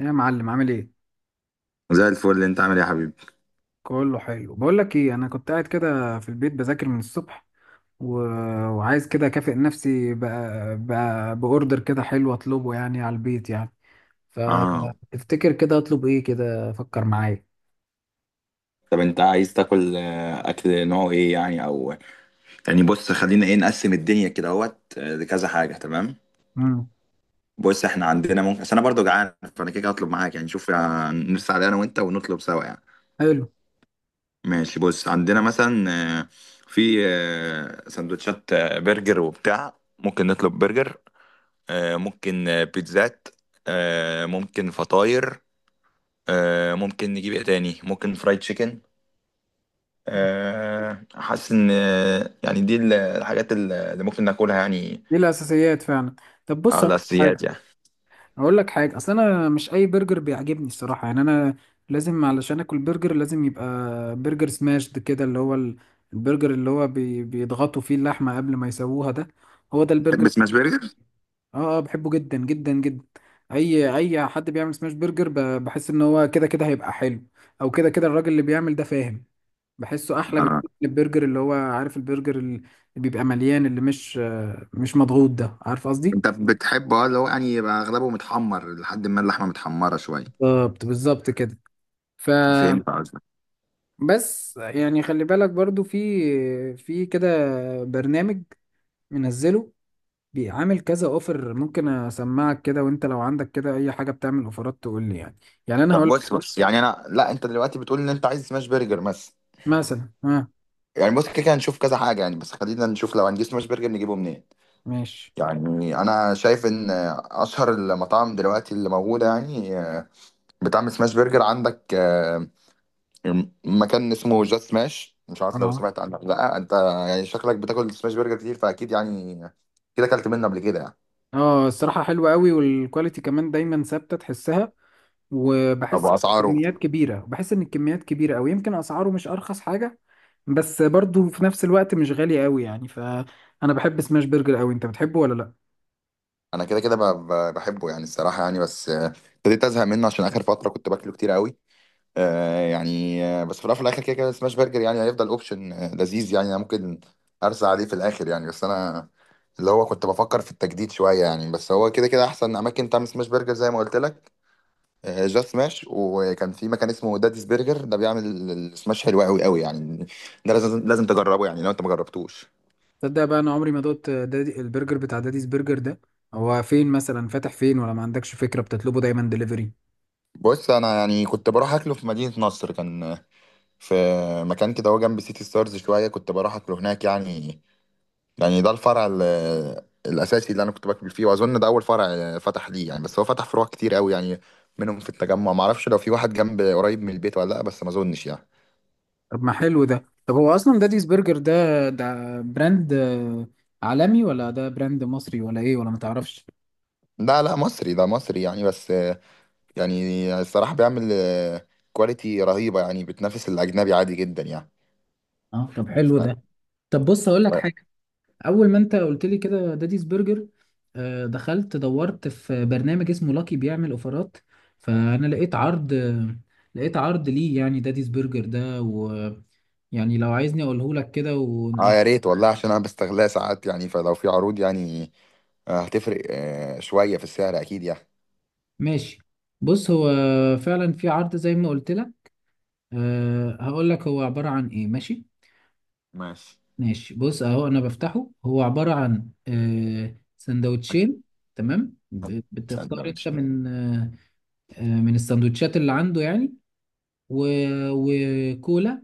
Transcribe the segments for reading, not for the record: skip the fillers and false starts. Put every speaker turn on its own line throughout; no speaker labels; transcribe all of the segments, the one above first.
إيه يا معلم، عامل ايه؟
زي الفل، انت عامل ايه يا حبيبي؟
كله حلو. بقول لك ايه، انا كنت قاعد كده في البيت بذاكر من الصبح و... وعايز كده اكافئ نفسي ب... باوردر كده حلو اطلبه يعني على البيت يعني.
اه.
فتفتكر كده اطلب ايه؟ كده فكر معايا.
طب انت عايز تاكل اكل نوعه ايه يعني، او يعني بص خلينا ايه نقسم الدنيا كده اهوت لكذا حاجه. تمام.
امم
بص احنا عندنا ممكن، بس انا برضو جعان فانا كده كده هطلب معاك يعني. شوف نرسل على انا وانت ونطلب سوا يعني.
حلو.
ماشي. بص عندنا مثلا آه، في سندوتشات برجر وبتاع، ممكن نطلب برجر، ممكن بيتزات، ممكن فطاير، ممكن نجيب ايه تاني، ممكن فرايد تشيكن. حاسس ان يعني دي الحاجات اللي ممكن ناكلها يعني.
دي الاساسيات فعلا. طب
على
بص، هقول
الاساسيات
لك
يعني.
هقول لك حاجه. اصل انا مش اي برجر بيعجبني الصراحه، يعني انا لازم، علشان اكل برجر لازم يبقى برجر سماشد كده، اللي هو البرجر اللي هو بيضغطوا فيه اللحمه قبل ما يسووها ده. هو ده البرجر.
بس سماش برجر.
اه اه، بحبه جدا جدا جدا. اي حد بيعمل سماش برجر بحس ان هو كده كده هيبقى حلو. او كده كده الراجل اللي بيعمل ده فاهم. بحسه احلى
اه،
بكتير من البرجر، اللي هو عارف، البرجر اللي بيبقى مليان، اللي مش مضغوط ده، عارف قصدي.
انت بتحبه اه اللي هو يعني يبقى اغلبه متحمر لحد ما اللحمه متحمره شويه.
بالظبط بالظبط كده. ف
فهمت قصدك.
بس يعني خلي بالك، برضو في كده برنامج منزله بيعمل كذا اوفر. ممكن اسمعك كده، وانت لو عندك كده اي حاجه بتعمل اوفرات تقول لي يعني. يعني انا
طب
هقول
بص
لك
بص يعني انا، لا، انت دلوقتي بتقول ان انت عايز سماش برجر بس.
مثلا. ها،
يعني بص كده كده هنشوف كذا حاجه يعني، بس خلينا نشوف لو هنجيب سماش برجر نجيبه منين.
ماشي.
يعني انا شايف ان اشهر المطاعم دلوقتي اللي موجوده يعني بتعمل سماش برجر، عندك مكان اسمه جاست سماش. مش عارف لو
اه
سمعت عنه ولا لا انت. يعني شكلك بتاكل سماش برجر كتير، فاكيد يعني كده اكلت منه قبل كده يعني.
اه، الصراحه حلوه قوي، والكواليتي كمان دايما ثابته تحسها.
طب
وبحس
اسعاره؟
كميات كبيره، بحس ان الكميات كبيره قوي. يمكن اسعاره مش ارخص حاجه، بس برضو في نفس الوقت مش غالي قوي يعني. فانا بحب سماش برجر قوي. انت بتحبه ولا لا؟
انا كده كده بحبه يعني الصراحه يعني. بس ابتديت ازهق منه عشان اخر فتره كنت باكله كتير قوي. يعني بس في الاول وفي الاخر كده كده سماش برجر يعني هيفضل اوبشن لذيذ يعني. أنا ممكن ارسى عليه في الاخر يعني. بس انا اللي هو كنت بفكر في التجديد شويه يعني، بس هو كده كده احسن اماكن تعمل سماش برجر زي ما قلت لك جاست سماش. وكان في مكان اسمه داديز برجر، ده بيعمل السماش حلو قوي قوي يعني. ده لازم تجربه يعني لو انت ما جربتوش.
تصدق بقى، انا عمري ما دقت دادي البرجر، بتاع داديز برجر ده. هو فين مثلا؟ فاتح فين، ولا ما عندكش فكرة؟ بتطلبه دايما دليفري؟
بص انا يعني كنت بروح اكله في مدينة نصر. كان في مكان كده هو جنب سيتي ستارز شوية، كنت بروح اكله هناك يعني. يعني ده الفرع الاساسي اللي انا كنت باكل فيه، واظن ده اول فرع فتح ليه يعني. بس هو فتح فروع كتير قوي يعني منهم في التجمع. معرفش لو في واحد جنب قريب من البيت ولا لا، بس ما اظنش يعني.
طب ما حلو ده. طب هو اصلا داديز برجر ده براند عالمي، ولا ده براند مصري، ولا ايه، ولا ما تعرفش؟
لا لا، مصري، ده مصري يعني. بس يعني الصراحة بيعمل كواليتي رهيبة يعني، بتنافس الأجنبي عادي جدا يعني.
اه، طب حلو
ف...
ده. طب بص، اقول لك
ف...
حاجة. اول ما انت قلت لي كده داديز برجر، دخلت دورت في برنامج اسمه لاكي بيعمل اوفرات. فانا لقيت عرض ليه، يعني داديز برجر ده. ويعني لو عايزني اقوله لك كده
اه يا ريت والله، عشان أنا بستغلها ساعات يعني، فلو في عروض يعني هتفرق شوية في السعر أكيد يعني.
ماشي. بص، هو فعلا في عرض زي ما قلت لك. أه، هقول لك هو عبارة عن ايه. ماشي،
ماشي.
ماشي. بص اهو انا بفتحه. هو عبارة عن سندوتشين. تمام، بتختار انت
سندوتش ده.
من من السندوتشات اللي عنده يعني. و... وكولا.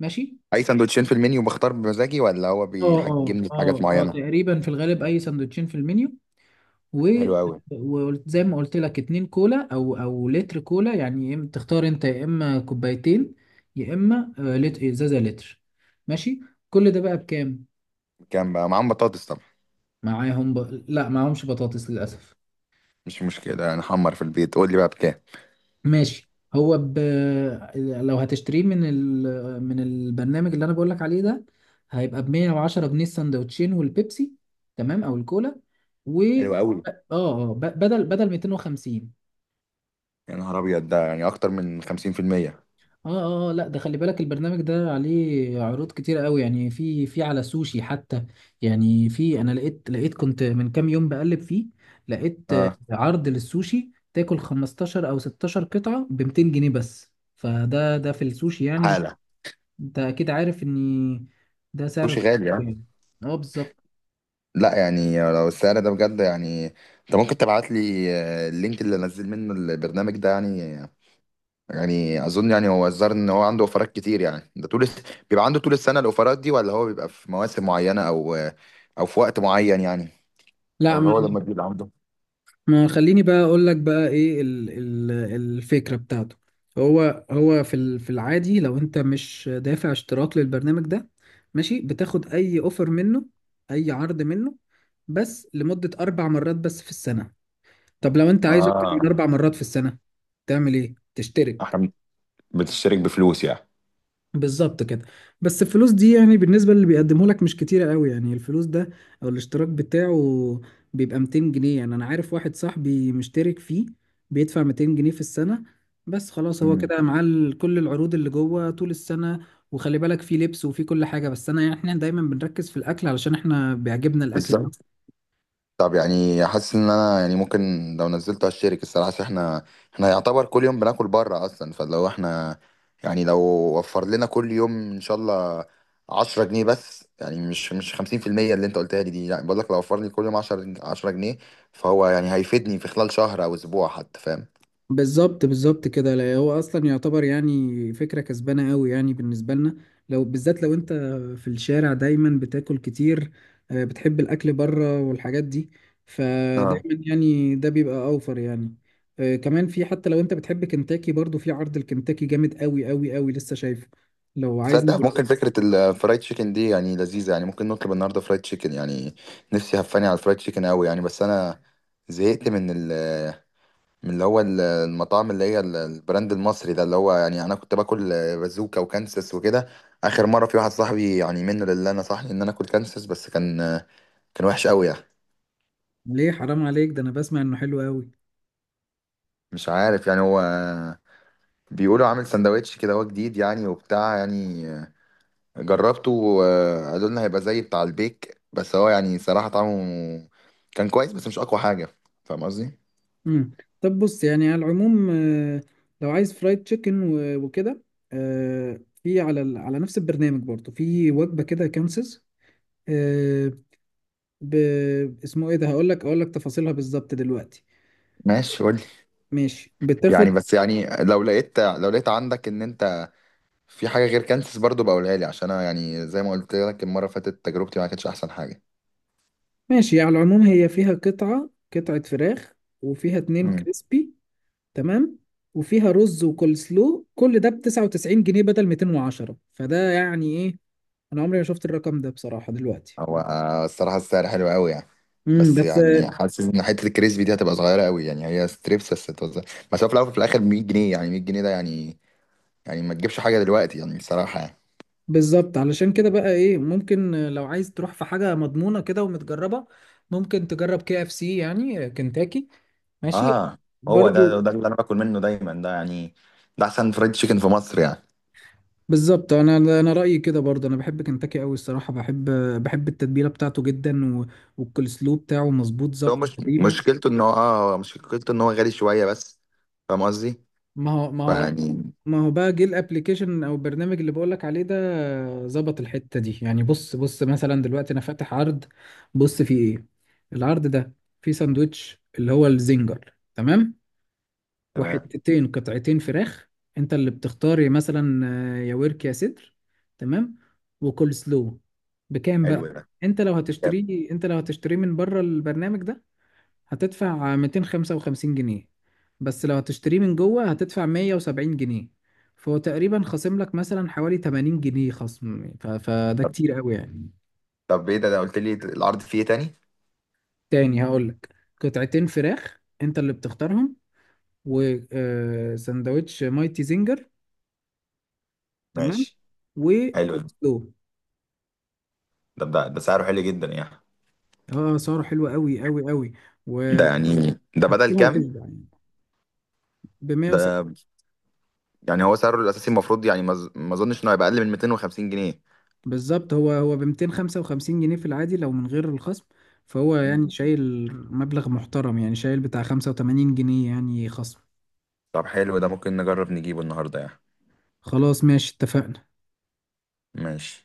ماشي.
أي سندوتشين في المنيو، بختار بمزاجي ولا هو
اه اه
بيحجمني في حاجات
اه اه،
معينة؟
تقريبا في الغالب اي سندوتشين في المنيو. و
حلو أوي.
وزي ما قلت لك اتنين كولا، او لتر كولا، يعني تختار انت يا اما كوبايتين يا اما ازازه لتر. ماشي. كل ده بقى بكام؟
كام بقى؟ معاهم بطاطس طبعا؟
معاهم ب... لا معاهمش بطاطس للاسف.
مش مشكلة، نحمر في البيت. قول لي بقى بكام.
ماشي. هو لو هتشتريه من البرنامج اللي انا بقولك عليه ده، هيبقى ب 110 جنيه، السندوتشين والبيبسي، تمام، او الكولا. و اه
حلو أوي.
اه، ب... بدل بدل 250.
يا نهار أبيض! ده يعني أكتر من 50%.
اه اه، لا ده خلي بالك، البرنامج ده عليه عروض كتيرة قوي يعني. في على سوشي حتى يعني. في، انا لقيت كنت من كام يوم بقلب فيه، لقيت
اه.
عرض للسوشي تاكل 15 او 16 قطعة ب 200 جنيه بس. فده، في السوشي يعني.
تعالى.
انت اكيد عارف ان ده سعر
سوشي غالي يعني.
يعني. اه، بالظبط.
لا يعني لو السعر ده بجد يعني، انت ممكن تبعت لي اللينك اللي انزل منه البرنامج ده يعني. يعني اظن يعني هو الظاهر ان هو عنده اوفرات كتير يعني، ده طول بيبقى عنده طول السنة الاوفرات دي، ولا هو بيبقى في مواسم معينة او او في وقت معين يعني، او
لا،
اللي
ما
هو لما بيبقى عنده.
ما خليني بقى اقول لك بقى ايه ال الفكرة بتاعته. هو في العادي، لو انت مش دافع اشتراك للبرنامج ده، ماشي، بتاخد اي اوفر منه، اي عرض منه، بس لمدة 4 مرات بس في السنة. طب لو انت عايز اكتر من
اه.
4 مرات في السنة، تعمل ايه؟ تشترك.
احنا بتشترك بفلوس يعني؟
بالظبط كده. بس الفلوس دي، يعني بالنسبة اللي بيقدمه لك مش كتيرة قوي يعني. الفلوس ده او الاشتراك بتاعه بيبقى 200 جنيه. يعني انا عارف واحد صاحبي مشترك فيه، بيدفع 200 جنيه في السنة. بس خلاص، هو
مم.
كده معاه كل العروض اللي جوه طول السنة. وخلي بالك، فيه لبس وفيه كل حاجة، بس انا، يعني احنا دايما بنركز في الاكل علشان احنا بيعجبنا الاكل.
بالظبط. طب يعني حاسس ان انا يعني ممكن لو نزلته هشترك الصراحه، عشان احنا احنا يعتبر كل يوم بناكل بره اصلا. فلو احنا يعني لو وفر لنا كل يوم ان شاء الله 10 جنيه بس، يعني مش مش 50% اللي انت قلتها لي دي. يعني بقول لك لو وفر لي كل يوم 10 جنيه، فهو يعني هيفيدني في خلال شهر او اسبوع حتى، فاهم؟
بالظبط بالظبط كده. لا هو اصلا يعتبر يعني فكره كسبانه قوي يعني بالنسبه لنا، لو بالذات لو انت في الشارع دايما بتاكل كتير، بتحب الاكل بره والحاجات دي،
اه.
فدايما يعني ده بيبقى اوفر يعني. كمان، في، حتى لو انت بتحب كنتاكي، برضو في عرض الكنتاكي جامد قوي قوي قوي لسه شايفه. لو عايز
تصدق،
نقول،
ممكن فكرة الفرايد تشيكن دي يعني لذيذة يعني، ممكن نطلب النهاردة فرايد تشيكن يعني. نفسي هفاني على الفرايد تشيكن قوي يعني. بس أنا زهقت من ال من اللي هو المطاعم اللي هي البراند المصري ده. اللي هو يعني انا كنت باكل بازوكا وكانسس وكده. اخر مره في واحد صاحبي يعني منه لله نصحني ان انا اكل كانسس، بس كان كان وحش قوي يعني.
ليه حرام عليك ده؟ انا بسمع انه حلو قوي.
مش عارف يعني، هو بيقولوا عامل سندوتش كده، هو جديد يعني وبتاع يعني. جربته وقالوا لنا هيبقى زي بتاع البيك، بس هو يعني صراحه طعمه كان كويس بس مش اقوى حاجه. فاهم قصدي؟
مم. طب بص يعني على العموم، لو عايز فرايد تشيكن و- وكده، في على على نفس البرنامج برضه في وجبة كده كانسز، آه، ب... اسمه ايه ده؟ هقول لك اقول لك تفاصيلها بالظبط دلوقتي.
ماشي، قول.
ماشي.
يعني
بتاخد
بس يعني لو لقيت، لو لقيت عندك ان انت في حاجة غير كانسس برضو بقولها لي، عشان أنا يعني زي ما قلت لك المرة اللي فاتت تجربتي ما كانتش أحسن حاجة.
ماشي، على العموم هي فيها قطعة فراخ، وفيها اتنين
امم.
كريسبي، تمام، وفيها رز وكول سلو. كل ده ب 99 جنيه بدل 210. فده يعني ايه، انا عمري ما شفت الرقم ده بصراحة دلوقتي.
هو الصراحة السعر حلو قوي يعني. بس
بس
يعني حاسس إن حتة الكريسبي دي هتبقى صغيرة قوي يعني. هي ستريبس بس هتوزع. بس هو في الأول وفي الآخر 100 جنيه، يعني 100 جنيه ده يعني يعني ما تجيبش حاجة دلوقتي يعني الصراحة يعني.
بالظبط، علشان كده بقى ايه، ممكن لو عايز تروح في حاجة مضمونة كده ومتجربة، ممكن تجرب KFC، يعني كنتاكي. ماشي
اه. هو ده
برضو.
ده اللي انا باكل منه دايما ده يعني، ده أحسن فرايد تشيكن في مصر يعني.
بالظبط، انا رأيي كده برضو. انا بحب كنتاكي قوي الصراحة. بحب التتبيلة بتاعته جدا، والكولسلو بتاعه مظبوط
بس هو
ظبط
مش
تقريبا.
مشكلته إن هو آه، هو مشكلته إن هو غالي شوية بس، فاهم قصدي؟ مم.
ما هو ما هو
فيعني.
ما هو بقى جه الابليكيشن او البرنامج اللي بقولك عليه ده، ظبط الحتة دي. يعني بص بص مثلا دلوقتي انا فاتح عرض. بص فيه ايه العرض ده. فيه ساندوتش اللي هو الزنجر، تمام،
تمام.
وحتتين قطعتين فراخ، انت اللي بتختار مثلا يا ورك يا صدر، تمام، وكول سلو. بكام
حلو
بقى؟
ده.
انت لو
جامد.
هتشتريه انت لو هتشتريه من بره البرنامج ده، هتدفع 255 جنيه، بس لو هتشتريه من جوه هتدفع 170 جنيه. فهو تقريبا خاصم لك مثلا حوالي 80 جنيه خصم، فده كتير قوي يعني.
طب ايه ده؟ ده قلت لي العرض فيه ايه تاني؟
تاني هقولك، قطعتين فراخ انت اللي بتختارهم، وسندوتش مايتي زنجر، تمام،
ماشي. حلو ده.
وكولسلو.
ده ده ده سعره حلو جدا يعني.
اه، اسعاره حلوة قوي قوي قوي،
ده
وهتكلها
يعني ده بدل كام؟
وتشبع يعني. ب
ده يعني هو سعره الاساسي المفروض يعني ما اظنش انه هيبقى اقل من 250 جنيه.
بالظبط، هو ب 255 جنيه في العادي لو من غير الخصم. فهو يعني
مم.
شايل مبلغ محترم، يعني شايل بتاع 85 جنيه يعني خصم.
طب حلو ده. ممكن نجرب نجيبه النهارده يعني.
خلاص ماشي، اتفقنا.
ماشي.